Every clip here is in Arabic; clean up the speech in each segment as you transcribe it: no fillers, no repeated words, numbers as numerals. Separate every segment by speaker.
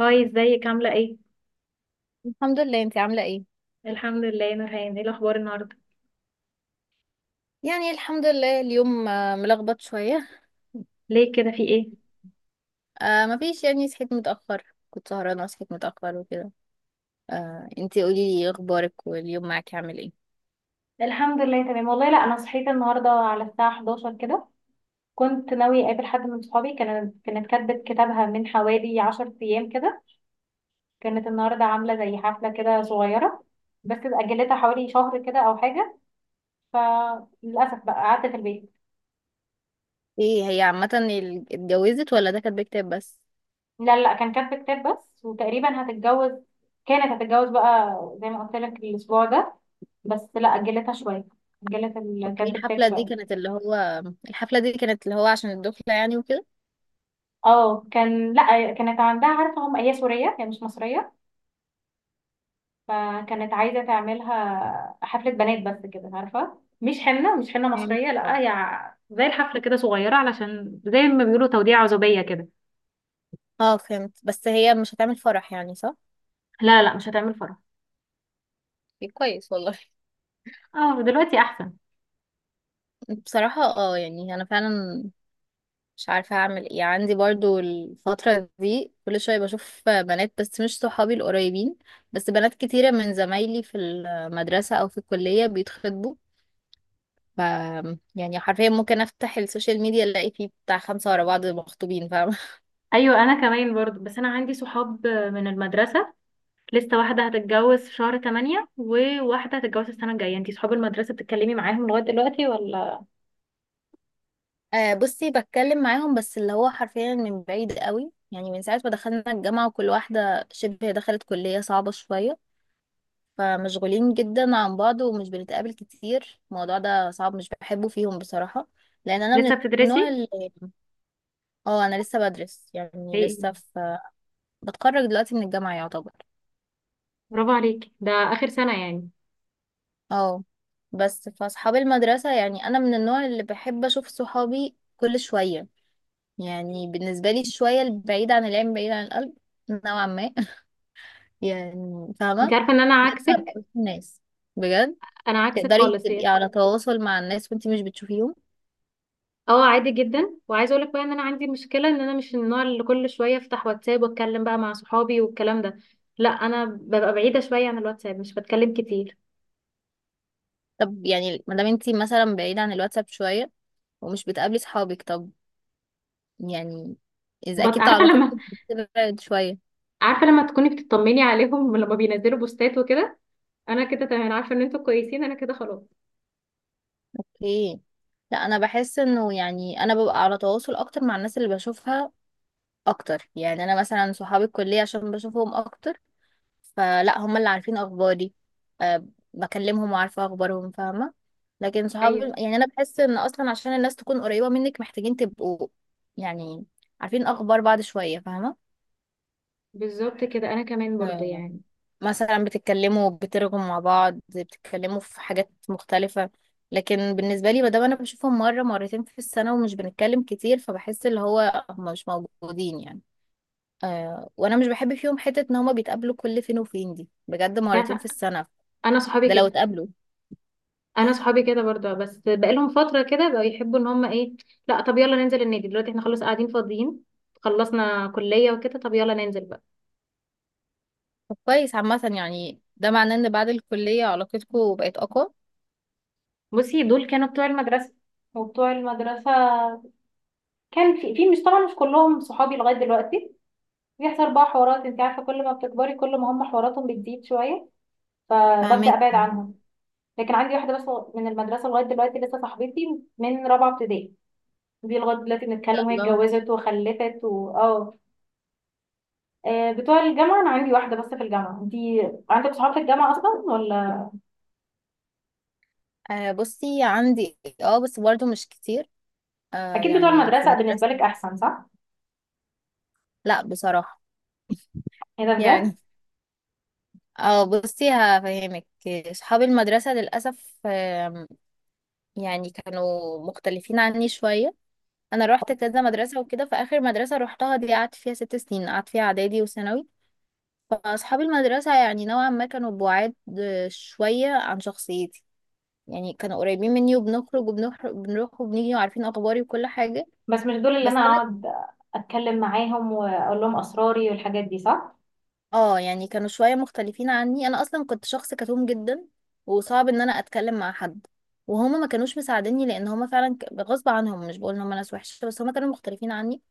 Speaker 1: هاي، ازيك؟ عاملة ايه؟
Speaker 2: الحمد لله. انتي عاملة ايه؟
Speaker 1: الحمد لله. نورهان، ايه الأخبار النهاردة؟
Speaker 2: يعني الحمد لله اليوم ملخبط شوية.
Speaker 1: ليه كده، في ايه؟
Speaker 2: مفيش، يعني صحيت متأخر. كنت سهرانة وصحيت متأخر وكده. آه، انتي قولي لي اخبارك، واليوم معاكي عامل ايه؟
Speaker 1: الحمد لله تمام والله. لا انا صحيت النهارده على الساعه 11 كده. كنت ناويه اقابل حد من صحابي. كانت كاتبه كتابها من حوالي 10 ايام كده. كانت النهارده عامله زي حفله كده صغيره، بس اجلتها حوالي شهر كده او حاجه. فللاسف بقى قعدت في البيت.
Speaker 2: ايه هي عامة اتجوزت ولا ده كان بكتاب بس؟
Speaker 1: لا لا، كان كاتبه كتاب بس، وتقريبا هتتجوز. كانت هتتجوز بقى زي ما قلت لك الاسبوع ده، بس لا اجلتها شويه. اجلت
Speaker 2: اوكي،
Speaker 1: كاتبه كتاب شويه.
Speaker 2: الحفلة دي كانت اللي هو عشان الدخلة يعني وكده.
Speaker 1: اه كان، لا كانت عندها، عارفه هم هي سوريه، هي مش مصريه. فكانت عايزه تعملها حفله بنات بس كده، عارفه، مش حنه
Speaker 2: فهمت،
Speaker 1: مصريه، لا
Speaker 2: اه.
Speaker 1: هي زي الحفله كده صغيره، علشان زي ما بيقولوا توديع عزوبيه كده.
Speaker 2: اه فهمت، بس هي مش هتعمل فرح يعني، صح؟
Speaker 1: لا لا، مش هتعمل فرح.
Speaker 2: ايه، كويس والله.
Speaker 1: اه دلوقتي احسن.
Speaker 2: بصراحة اه، يعني انا فعلا مش عارفة أعمل إيه. عندي برضو الفترة دي كل شوية بشوف بنات، بس مش صحابي القريبين، بس بنات كتيرة من زمايلي في المدرسة أو في الكلية بيتخطبوا. ف يعني حرفيا ممكن أفتح السوشيال ميديا ألاقي فيه بتاع 5 ورا بعض مخطوبين، فاهمة.
Speaker 1: ايوه انا كمان برضو. بس انا عندي صحاب من المدرسه، لسه واحده هتتجوز في شهر 8 وواحده هتتجوز السنه الجايه. انتي صحاب المدرسه بتتكلمي معاهم لغايه دلوقتي ولا؟
Speaker 2: آه، بصي، بتكلم معاهم بس اللي هو حرفيا من بعيد قوي، يعني من ساعة ما دخلنا الجامعة وكل واحدة شبه دخلت كلية صعبة شوية. فمشغولين جدا عن بعض ومش بنتقابل كتير. الموضوع ده صعب، مش بحبه فيهم بصراحة. لأن أنا
Speaker 1: لسه
Speaker 2: من النوع
Speaker 1: بتدرسي؟
Speaker 2: اللي اه، أنا لسه بدرس، يعني
Speaker 1: ايه؟
Speaker 2: لسه في، بتخرج دلوقتي من الجامعة يعتبر.
Speaker 1: برافو عليكي، ده اخر سنه يعني.
Speaker 2: اه. بس فأصحاب المدرسة، يعني أنا من النوع اللي بحب أشوف صحابي كل شوية. يعني بالنسبة لي شوية البعيد عن العين بعيد عن القلب، نوعا ما. يعني
Speaker 1: انت
Speaker 2: فاهمة.
Speaker 1: عارفه ان انا
Speaker 2: لازم أبقى
Speaker 1: عكسك.
Speaker 2: وسط الناس، بجد.
Speaker 1: انا عكسك
Speaker 2: تقدري
Speaker 1: خالص
Speaker 2: تبقي
Speaker 1: يعني.
Speaker 2: على تواصل مع الناس وانتي مش بتشوفيهم.
Speaker 1: اه عادي جدا. وعايزه اقول لك بقى ان انا عندي مشكله، ان انا مش النوع اللي كل شويه افتح واتساب واتكلم بقى مع صحابي والكلام ده. لا انا ببقى بعيده شويه عن الواتساب، مش بتكلم كتير.
Speaker 2: طب يعني ما دام انتي مثلا بعيدة عن الواتساب شوية ومش بتقابلي صحابك، طب يعني إذا أكيد
Speaker 1: عارفه
Speaker 2: علاقتك
Speaker 1: لما
Speaker 2: بتبعد شوية.
Speaker 1: عارفه لما تكوني بتطمني عليهم لما بينزلوا بوستات وكده، انا كده تمام. انا عارفه ان انتوا كويسين، انا كده خلاص.
Speaker 2: اوكي. لا، أنا بحس إنه يعني أنا ببقى على تواصل أكتر مع الناس اللي بشوفها أكتر، يعني أنا مثلا صحابي الكلية عشان بشوفهم أكتر، فلا هم اللي عارفين أخباري. أه، بكلمهم وعارفة أخبارهم، فاهمة. لكن صحابي،
Speaker 1: ايوه
Speaker 2: يعني أنا بحس إن أصلا عشان الناس تكون قريبة منك محتاجين تبقوا يعني عارفين أخبار بعض شوية،
Speaker 1: بالظبط كده، انا كمان برضه
Speaker 2: فاهمة.
Speaker 1: يعني.
Speaker 2: مثلا بتتكلموا، بترغوا مع بعض، بتتكلموا في حاجات مختلفة. لكن بالنسبة لي، مادام أنا بشوفهم مرة مرتين في السنة ومش بنتكلم كتير، فبحس اللي هو هما مش موجودين يعني. آه، وأنا مش بحب فيهم حتة إن هما بيتقابلوا كل فين وفين دي، بجد
Speaker 1: انت
Speaker 2: مرتين في
Speaker 1: عارفه،
Speaker 2: السنة،
Speaker 1: انا صحابي
Speaker 2: ده لو
Speaker 1: كده،
Speaker 2: اتقابلوا.
Speaker 1: انا صحابي كده برضه. بس بقالهم فتره كده بقوا يحبوا ان هم ايه، لا طب يلا ننزل النادي دلوقتي، احنا خلاص قاعدين فاضيين، خلصنا كليه وكده، طب يلا ننزل بقى.
Speaker 2: طب كويس عامة، يعني ده معناه إن بعد الكلية علاقتكم بقت أقوى.
Speaker 1: بصي دول كانوا بتوع المدرسه، وبتوع المدرسه كان في مش، طبعا مش كلهم صحابي لغايه دلوقتي. بيحصل بقى حوارات، انت عارفه كل ما بتكبري كل ما هم حواراتهم بتزيد شويه، فببدا
Speaker 2: فاهمك.
Speaker 1: ابعد
Speaker 2: ان
Speaker 1: عنهم. لكن عندي واحده بس من المدرسه لغايه دلوقتي لسه صاحبتي من رابعه ابتدائي. دي لغايه دلوقتي
Speaker 2: شاء
Speaker 1: بنتكلم، وهي
Speaker 2: الله.
Speaker 1: اتجوزت وخلفت، واه آه، بتوع الجامعة أنا عندي واحدة بس في الجامعة. أنتي عندك صحاب في الجامعة أصلا ولا؟
Speaker 2: آه، بصي عندي إيه، اه بس برضو مش كتير. آه
Speaker 1: أكيد بتوع
Speaker 2: يعني في
Speaker 1: المدرسة
Speaker 2: المدرسة.
Speaker 1: بالنسبة لك أحسن، صح؟
Speaker 2: لا بصراحة.
Speaker 1: إيه ده بجد؟
Speaker 2: يعني اه، بصي هفهمك، اصحاب المدرسة للأسف يعني كانوا مختلفين عني شوية. انا رحت كذا مدرسة وكده، فآخر مدرسة روحتها دي قعدت فيها 6 سنين، قعدت فيها اعدادي وثانوي. فاصحاب المدرسة يعني نوعا ما كانوا بعاد، شوية عن شخصيتي. يعني كانوا قريبين مني وبنخرج وبنخرج، بنروح وبنيجي وعارفين اخباري وكل حاجة.
Speaker 1: بس مش دول اللي
Speaker 2: بس
Speaker 1: أنا أقعد أتكلم معاهم وأقول لهم أسراري والحاجات دي، صح؟
Speaker 2: اه، يعني كانوا شوية مختلفين عني. انا اصلا كنت شخص كتوم جدا، وصعب ان انا اتكلم مع حد. وهما ما كانوش مساعديني لان هما فعلا غصب عنهم. مش بقول ان هما ناس وحشة، بس هما كانوا مختلفين عني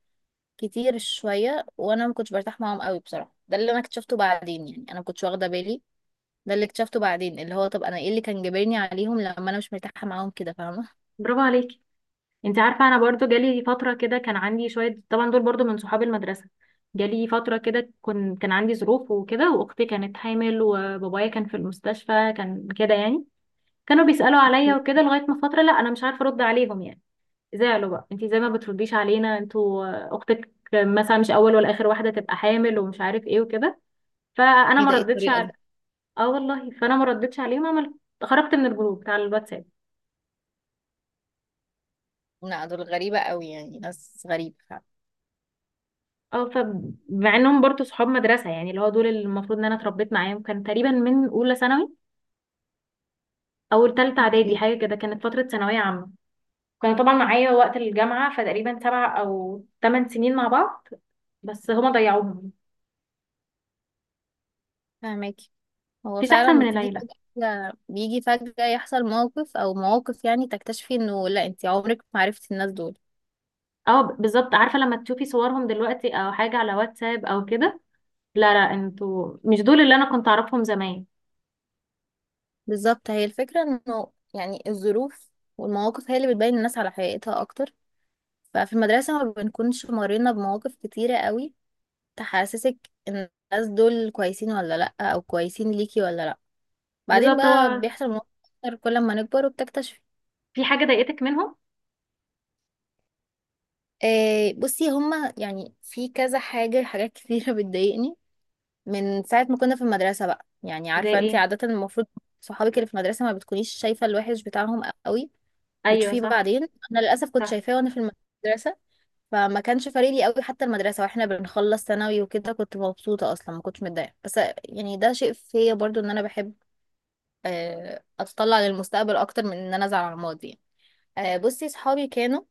Speaker 2: كتير شوية، وانا ما كنتش برتاح معاهم قوي بصراحة. ده اللي انا اكتشفته بعدين، يعني انا ما كنتش واخدة بالي. ده اللي اكتشفته بعدين، اللي هو طب انا ايه اللي كان جابرني عليهم لما انا مش مرتاحة معاهم كده، فاهمة.
Speaker 1: برافو عليكي. انت عارفه انا برضو جالي فتره كده، كان عندي شويه، طبعا دول برضو من صحاب المدرسه. جالي فتره كده كان عندي ظروف وكده، واختي كانت حامل، وبابايا كان في المستشفى، كان كده يعني. كانوا بيسالوا عليا
Speaker 2: اوكي.
Speaker 1: وكده لغايه ما فتره، لا انا مش عارفه ارد عليهم يعني. زعلوا بقى، انتي زي ما بترديش علينا، انتوا آه، اختك مثلا مش اول ولا اخر واحده تبقى حامل ومش عارف ايه وكده. فانا
Speaker 2: ايه
Speaker 1: ما
Speaker 2: ده، ايه
Speaker 1: ردتش
Speaker 2: الطريقة
Speaker 1: على،
Speaker 2: دي؟
Speaker 1: اه والله فانا ما ردتش عليهم. عملت، خرجت من الجروب بتاع الواتساب.
Speaker 2: لا دول غريبة قوي، يعني ناس غريبة فعلا.
Speaker 1: اه فمع انهم برضو صحاب مدرسه، يعني اللي هو دول اللي المفروض ان انا اتربيت معاهم، كان تقريبا من اولى ثانوي او ثالثه اعدادي
Speaker 2: اوكي.
Speaker 1: حاجه كده، كانت فتره ثانويه عامه. كانوا طبعا معايا وقت الجامعه، فتقريبا سبع او ثمان سنين مع بعض، بس هما ضيعوهم.
Speaker 2: فاهمك. هو
Speaker 1: مفيش احسن
Speaker 2: فعلا
Speaker 1: من
Speaker 2: بتيجي
Speaker 1: العيله.
Speaker 2: فجأة، بيجي فجأة يحصل موقف او مواقف يعني تكتشفي انه لا، انت عمرك ما عرفتي الناس دول.
Speaker 1: اه بالظبط. عارفة لما تشوفي صورهم دلوقتي او حاجة على واتساب او كده، لا لا انتوا مش دول اللي انا كنت اعرفهم زمان.
Speaker 2: بالظبط، هي الفكرة انه يعني الظروف والمواقف هي اللي بتبين الناس على حقيقتها اكتر. ففي المدرسة ما بنكونش مرينا بمواقف كتيرة قوي تحسسك ان الناس دول كويسين ولا لا، او كويسين ليكي ولا لا. بعدين
Speaker 1: بالظبط هو.
Speaker 2: بقى بيحصل مواقف اكتر كل ما نكبر، وبتكتشفي.
Speaker 1: في حاجة ضايقتك منهم؟
Speaker 2: آه، بصي هما يعني في كذا حاجة، حاجات كتيرة بتضايقني من ساعة ما كنا في المدرسة بقى. يعني
Speaker 1: زي
Speaker 2: عارفة انت
Speaker 1: ايه؟
Speaker 2: عادة المفروض صحابك اللي في المدرسة ما بتكونيش شايفة الوحش بتاعهم قوي،
Speaker 1: ايوه
Speaker 2: بتشوفيه
Speaker 1: صح.
Speaker 2: بعدين. انا للأسف كنت
Speaker 1: صح.
Speaker 2: شايفاه وانا في المدرسة، فما كانش فارق لي قوي. حتى المدرسة واحنا بنخلص ثانوي وكده، كنت مبسوطة اصلا، ما كنتش متضايقة. بس يعني ده شيء فيا برضو ان انا بحب اتطلع للمستقبل اكتر من ان انا ازعل على الماضي. بصي صحابي كانوا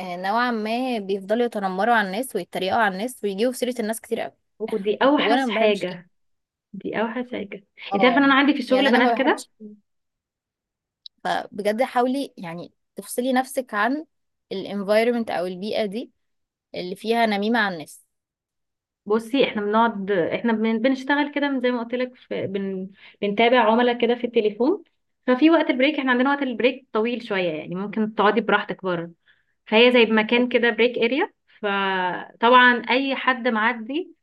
Speaker 2: نوعا ما بيفضلوا يتنمروا على الناس ويتريقوا على الناس ويجيبوا في سيرة الناس كتير قوي.
Speaker 1: ودي
Speaker 2: وانا
Speaker 1: اوحش
Speaker 2: ما بحبش كده.
Speaker 1: حاجة. دي اوحش حاجة. انت عارفة ان
Speaker 2: اه
Speaker 1: انا عندي في
Speaker 2: يعني
Speaker 1: الشغل
Speaker 2: انا ما
Speaker 1: بنات كده.
Speaker 2: بحبش. فبجد حاولي يعني تفصلي نفسك عن الانفايرمنت او البيئة دي اللي فيها نميمة عن النفس.
Speaker 1: بصي احنا بنقعد، احنا بنشتغل كده من زي ما قلت لك بنتابع عملاء كده في التليفون. ففي وقت البريك، احنا عندنا وقت البريك طويل شوية، يعني ممكن تقعدي براحتك بره. فهي زي مكان
Speaker 2: اوكي.
Speaker 1: كده بريك اريا. فطبعا اي حد معدي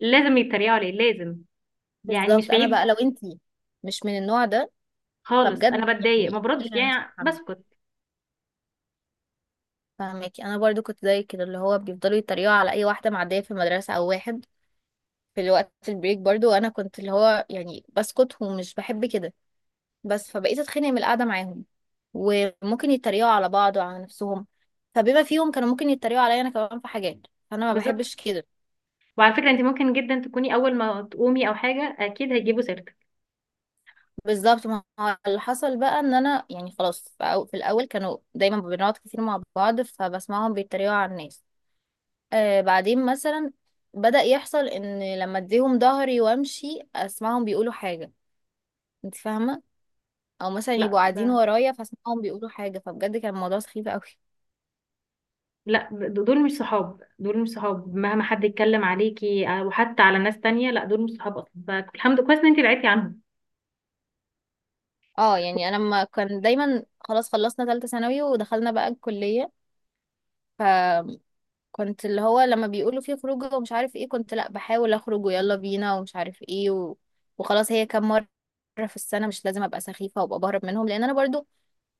Speaker 1: لازم يتريقوا عليه، لازم يعني، مش
Speaker 2: بالظبط. انا
Speaker 1: بعيد
Speaker 2: بقى لو انتي مش من النوع ده،
Speaker 1: خالص.
Speaker 2: فبجد
Speaker 1: انا بتضايق، ما
Speaker 2: يعني
Speaker 1: بردش
Speaker 2: اشيلي عن نفسك
Speaker 1: يعني،
Speaker 2: عنه.
Speaker 1: بسكت.
Speaker 2: فاهمك. انا برضو كنت زي كده، اللي هو بيفضلوا يتريقوا على اي واحده معديه في المدرسه او واحد في الوقت البريك برضو، وانا كنت اللي هو يعني بسكت، ومش بحب كده. بس فبقيت اتخانق من القعده معاهم. وممكن يتريقوا على بعض وعلى نفسهم، فبما فيهم كانوا ممكن يتريقوا عليا انا كمان في حاجات، فانا ما
Speaker 1: بالظبط.
Speaker 2: بحبش كده.
Speaker 1: وعلى فكره انت ممكن جدا تكوني اول ما تقومي او حاجه اكيد هيجيبوا سيرتك.
Speaker 2: بالظبط. ما هو اللي حصل بقى ان انا يعني خلاص في في الاول كانوا دايما بنقعد كتير مع بعض فبسمعهم بيتريقوا على الناس. آه، بعدين مثلا بدأ يحصل ان لما اديهم ظهري وامشي اسمعهم بيقولوا حاجة، انت فاهمة، او مثلا يبقوا
Speaker 1: لا
Speaker 2: قاعدين
Speaker 1: ده،
Speaker 2: ورايا فاسمعهم بيقولوا حاجة. فبجد كان الموضوع سخيف قوي.
Speaker 1: لا دول مش صحاب. دول مش صحاب، مهما حد يتكلم عليكي او حتى على ناس تانية، لا دول مش صحاب اصلا. فالحمد لله كويس ان انت بعدتي عنهم.
Speaker 2: اه يعني انا ما كان دايما. خلاص خلصنا ثالثة ثانوي ودخلنا بقى الكلية. ف كنت اللي هو لما بيقولوا فيه خروجه ومش عارف ايه، كنت لا بحاول اخرج ويلا بينا ومش عارف ايه وخلاص، هي كام مرة في السنة؟ مش لازم ابقى سخيفة وابقى بهرب منهم، لان انا برضو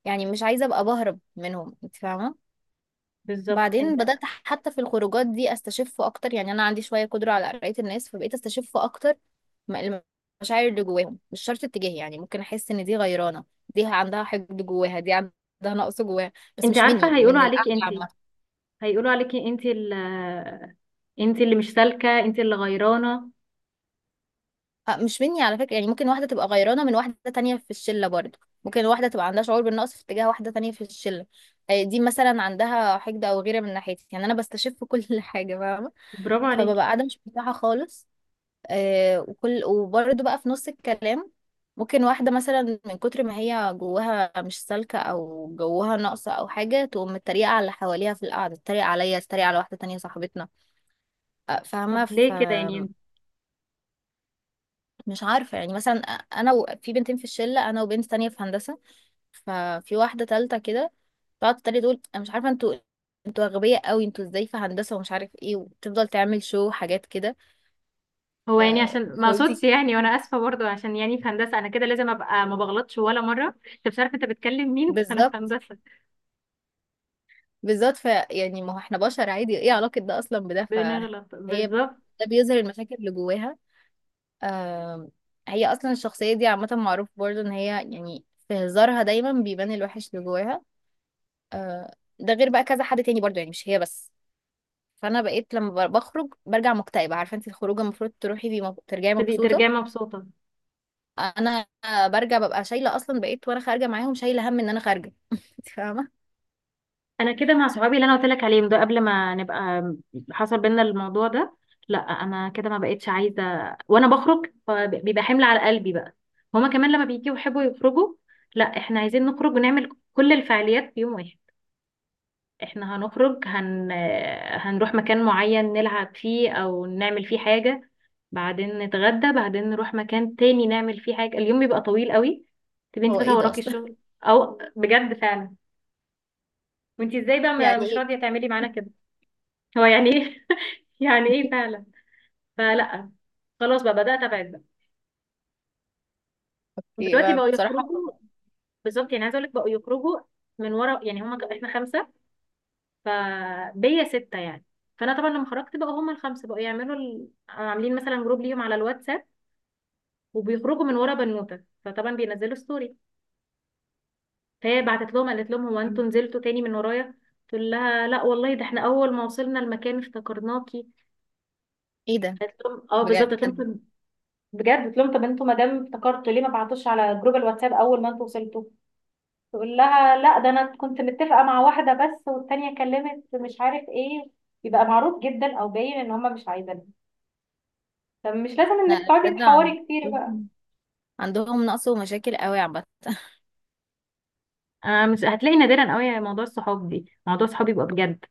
Speaker 2: يعني مش عايزة ابقى بهرب منهم، انت فاهمة.
Speaker 1: بالظبط.
Speaker 2: بعدين
Speaker 1: انت
Speaker 2: بدأت حتى في الخروجات دي استشف اكتر، يعني انا عندي شوية قدرة على قراية الناس، فبقيت استشف اكتر المشاعر اللي جواهم مش شرط اتجاهي. يعني ممكن احس ان دي غيرانة، دي عندها حقد جواها، دي عندها نقص جواها، بس
Speaker 1: انت
Speaker 2: مش مني
Speaker 1: عارفه هيقولوا
Speaker 2: من
Speaker 1: عليكي انت،
Speaker 2: القعدة.
Speaker 1: هيقولوا عليكي انت ال، انت اللي مش سالكه، انت اللي غيرانه.
Speaker 2: مش مني على فكرة. يعني ممكن واحدة تبقى غيرانة من واحدة تانية في الشلة برضه، ممكن واحدة تبقى عندها شعور بالنقص في اتجاه واحدة تانية في الشلة. دي مثلا عندها حقد أو غيرة من ناحيتي. يعني أنا بستشف كل حاجة، فاهمة.
Speaker 1: برافو
Speaker 2: فببقى
Speaker 1: عليكي.
Speaker 2: قاعدة مش مرتاحة خالص. وكل وبرضه بقى في نص الكلام ممكن واحدة مثلا من كتر ما هي جواها مش سالكة أو جواها ناقصة أو حاجة تقوم متريقة على اللي حواليها في القعدة، تتريق عليا، تتريق على واحدة تانية صاحبتنا.
Speaker 1: طب
Speaker 2: فاهمة.
Speaker 1: ليه كده يعني؟
Speaker 2: مش عارفة. يعني مثلا أنا في بنتين في الشلة، أنا وبنت تانية في هندسة، ففي واحدة تالتة كده تقعد تتريق تقول أنا مش عارفة انتوا، انتوا أغبياء قوي، انتوا ازاي في هندسة ومش عارف ايه، وتفضل تعمل شو حاجات كده.
Speaker 1: هو
Speaker 2: ف
Speaker 1: يعني عشان ما
Speaker 2: خدي.
Speaker 1: اقصدش يعني، وانا اسفه برضو، عشان يعني في هندسه، انا كده لازم ابقى ما بغلطش ولا مره. انت مش عارفه انت بتكلم مين انا في
Speaker 2: بالظبط،
Speaker 1: هندسه.
Speaker 2: بالظبط. يعني ما هو احنا بشر عادي، ايه علاقة ده أصلا بده.
Speaker 1: بنغلط
Speaker 2: فهي
Speaker 1: بالظبط.
Speaker 2: ده بيظهر المشاكل اللي جواها. آم، هي أصلا الشخصية دي عامة معروف برضه إن هي يعني في هزارها دايما بيبان الوحش اللي جواها. ده غير بقى كذا حد تاني برضه، يعني مش هي بس. فانا بقيت لما بخرج برجع مكتئبه. عارفه انت الخروجه المفروض تروحي بيه ترجعي
Speaker 1: تبقي
Speaker 2: مبسوطه.
Speaker 1: ترجعي مبسوطه.
Speaker 2: انا برجع ببقى شايله، اصلا بقيت وانا خارجه معاهم شايله هم ان انا خارجه انت فاهمه.
Speaker 1: انا كده مع صحابي اللي انا قلت لك عليهم ده، قبل ما نبقى حصل بينا الموضوع ده. لا انا كده ما بقتش عايزه، وانا بخرج بيبقى حمل على قلبي بقى. هما كمان لما بيجوا يحبوا يخرجوا، لا احنا عايزين نخرج ونعمل كل الفعاليات في يوم واحد. احنا هنخرج هنروح مكان معين نلعب فيه او نعمل فيه حاجه، بعدين نتغدى، بعدين نروح مكان تاني نعمل فيه حاجه. اليوم بيبقى طويل قوي، تبقي انت
Speaker 2: هو
Speaker 1: بس
Speaker 2: ايه ده
Speaker 1: وراكي
Speaker 2: اصلا؟
Speaker 1: الشغل، او بجد فعلا. وانت ازاي بقى
Speaker 2: يعني
Speaker 1: مش راضيه
Speaker 2: ايه.
Speaker 1: تعملي معانا كده؟ هو يعني ايه يعني ايه فعلا. فلا خلاص بقى بدات ابعد بقى. ودلوقتي
Speaker 2: يبقى
Speaker 1: بقوا
Speaker 2: بصراحه
Speaker 1: يخرجوا. بالظبط يعني، عايزه اقول لك بقوا يخرجوا من ورا يعني. هما احنا خمسه، فبيا سته يعني. فانا طبعا لما خرجت بقى، هما الخمسه بقوا يعملوا عاملين مثلا جروب ليهم على الواتساب، وبيخرجوا من ورا بنوته. فطبعا بينزلوا ستوري، فهي بعتت لهم قالت لهم هو انتوا نزلتوا تاني من ورايا؟ تقول لها لا والله، ده احنا اول ما وصلنا المكان افتكرناكي.
Speaker 2: ايه ده
Speaker 1: قالت لهم اه بالظبط قالت
Speaker 2: بجد.
Speaker 1: لهم. بجد؟ قلت لهم طب انتوا ما دام افتكرتوا ليه ما بعتوش على جروب الواتساب اول ما انتوا وصلتوا؟ تقول لها لا ده انا كنت متفقه مع واحده بس، والتانيه كلمت مش عارف ايه. يبقى معروف جدا او باين ان هما مش عايزينها. طب مش لازم
Speaker 2: لا
Speaker 1: انك تقعدي
Speaker 2: بجد
Speaker 1: تحوري كتير بقى.
Speaker 2: عندهم، عندهم نقص ومشاكل قوي عامه
Speaker 1: آه مش هتلاقي، نادرا قوي موضوع الصحاب دي، موضوع الصحاب يبقى بجد.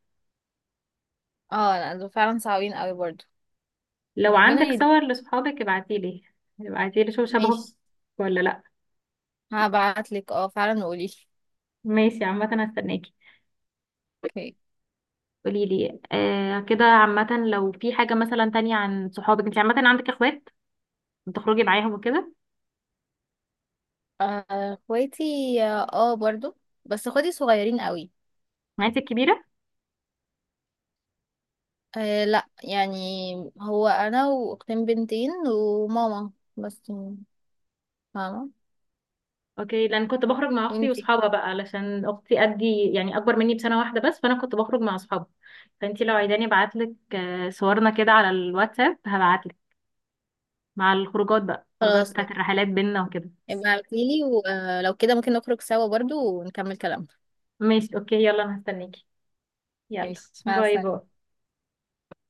Speaker 2: اه لا، دول فعلا صعبين قوي برضو.
Speaker 1: لو
Speaker 2: ربنا
Speaker 1: عندك
Speaker 2: يهدي.
Speaker 1: صور لصحابك ابعتيلي. ابعتيلي شوف شبهك
Speaker 2: ماشي.
Speaker 1: ولا لا.
Speaker 2: هبعتلك اه فعلا، وقوليلي.
Speaker 1: ماشي، عامة هستناكي.
Speaker 2: اوكي.
Speaker 1: قوليلي آه كده. عامة لو في حاجة مثلا تانية عن صحابك. انت عامة عندك اخوات بتخرجي معاهم وكده؟
Speaker 2: اخواتي، اه برضو. بس اخواتي صغيرين قوي.
Speaker 1: معاكي الكبيرة؟
Speaker 2: آه لا، يعني هو انا واختين بنتين وماما. بس يعني، فاهمة.
Speaker 1: اوكي، لان كنت بخرج مع اختي
Speaker 2: وانتي.
Speaker 1: واصحابها بقى، علشان اختي قدي يعني، اكبر مني بسنة واحدة بس، فانا كنت بخرج مع اصحابها. فانتي لو عايزاني ابعتلك آه، صورنا كده على الواتساب هبعتلك، مع الخروجات بقى، الخروجات
Speaker 2: خلاص،
Speaker 1: بتاعت
Speaker 2: ماشي.
Speaker 1: الرحلات بينا وكده.
Speaker 2: ابقى ابعتيلي، ولو كده ممكن نخرج سوا برضو ونكمل كلامنا.
Speaker 1: ماشي اوكي، يلا انا هستنيكي. يلا
Speaker 2: ماشي، مع
Speaker 1: باي
Speaker 2: السلامة.
Speaker 1: باي.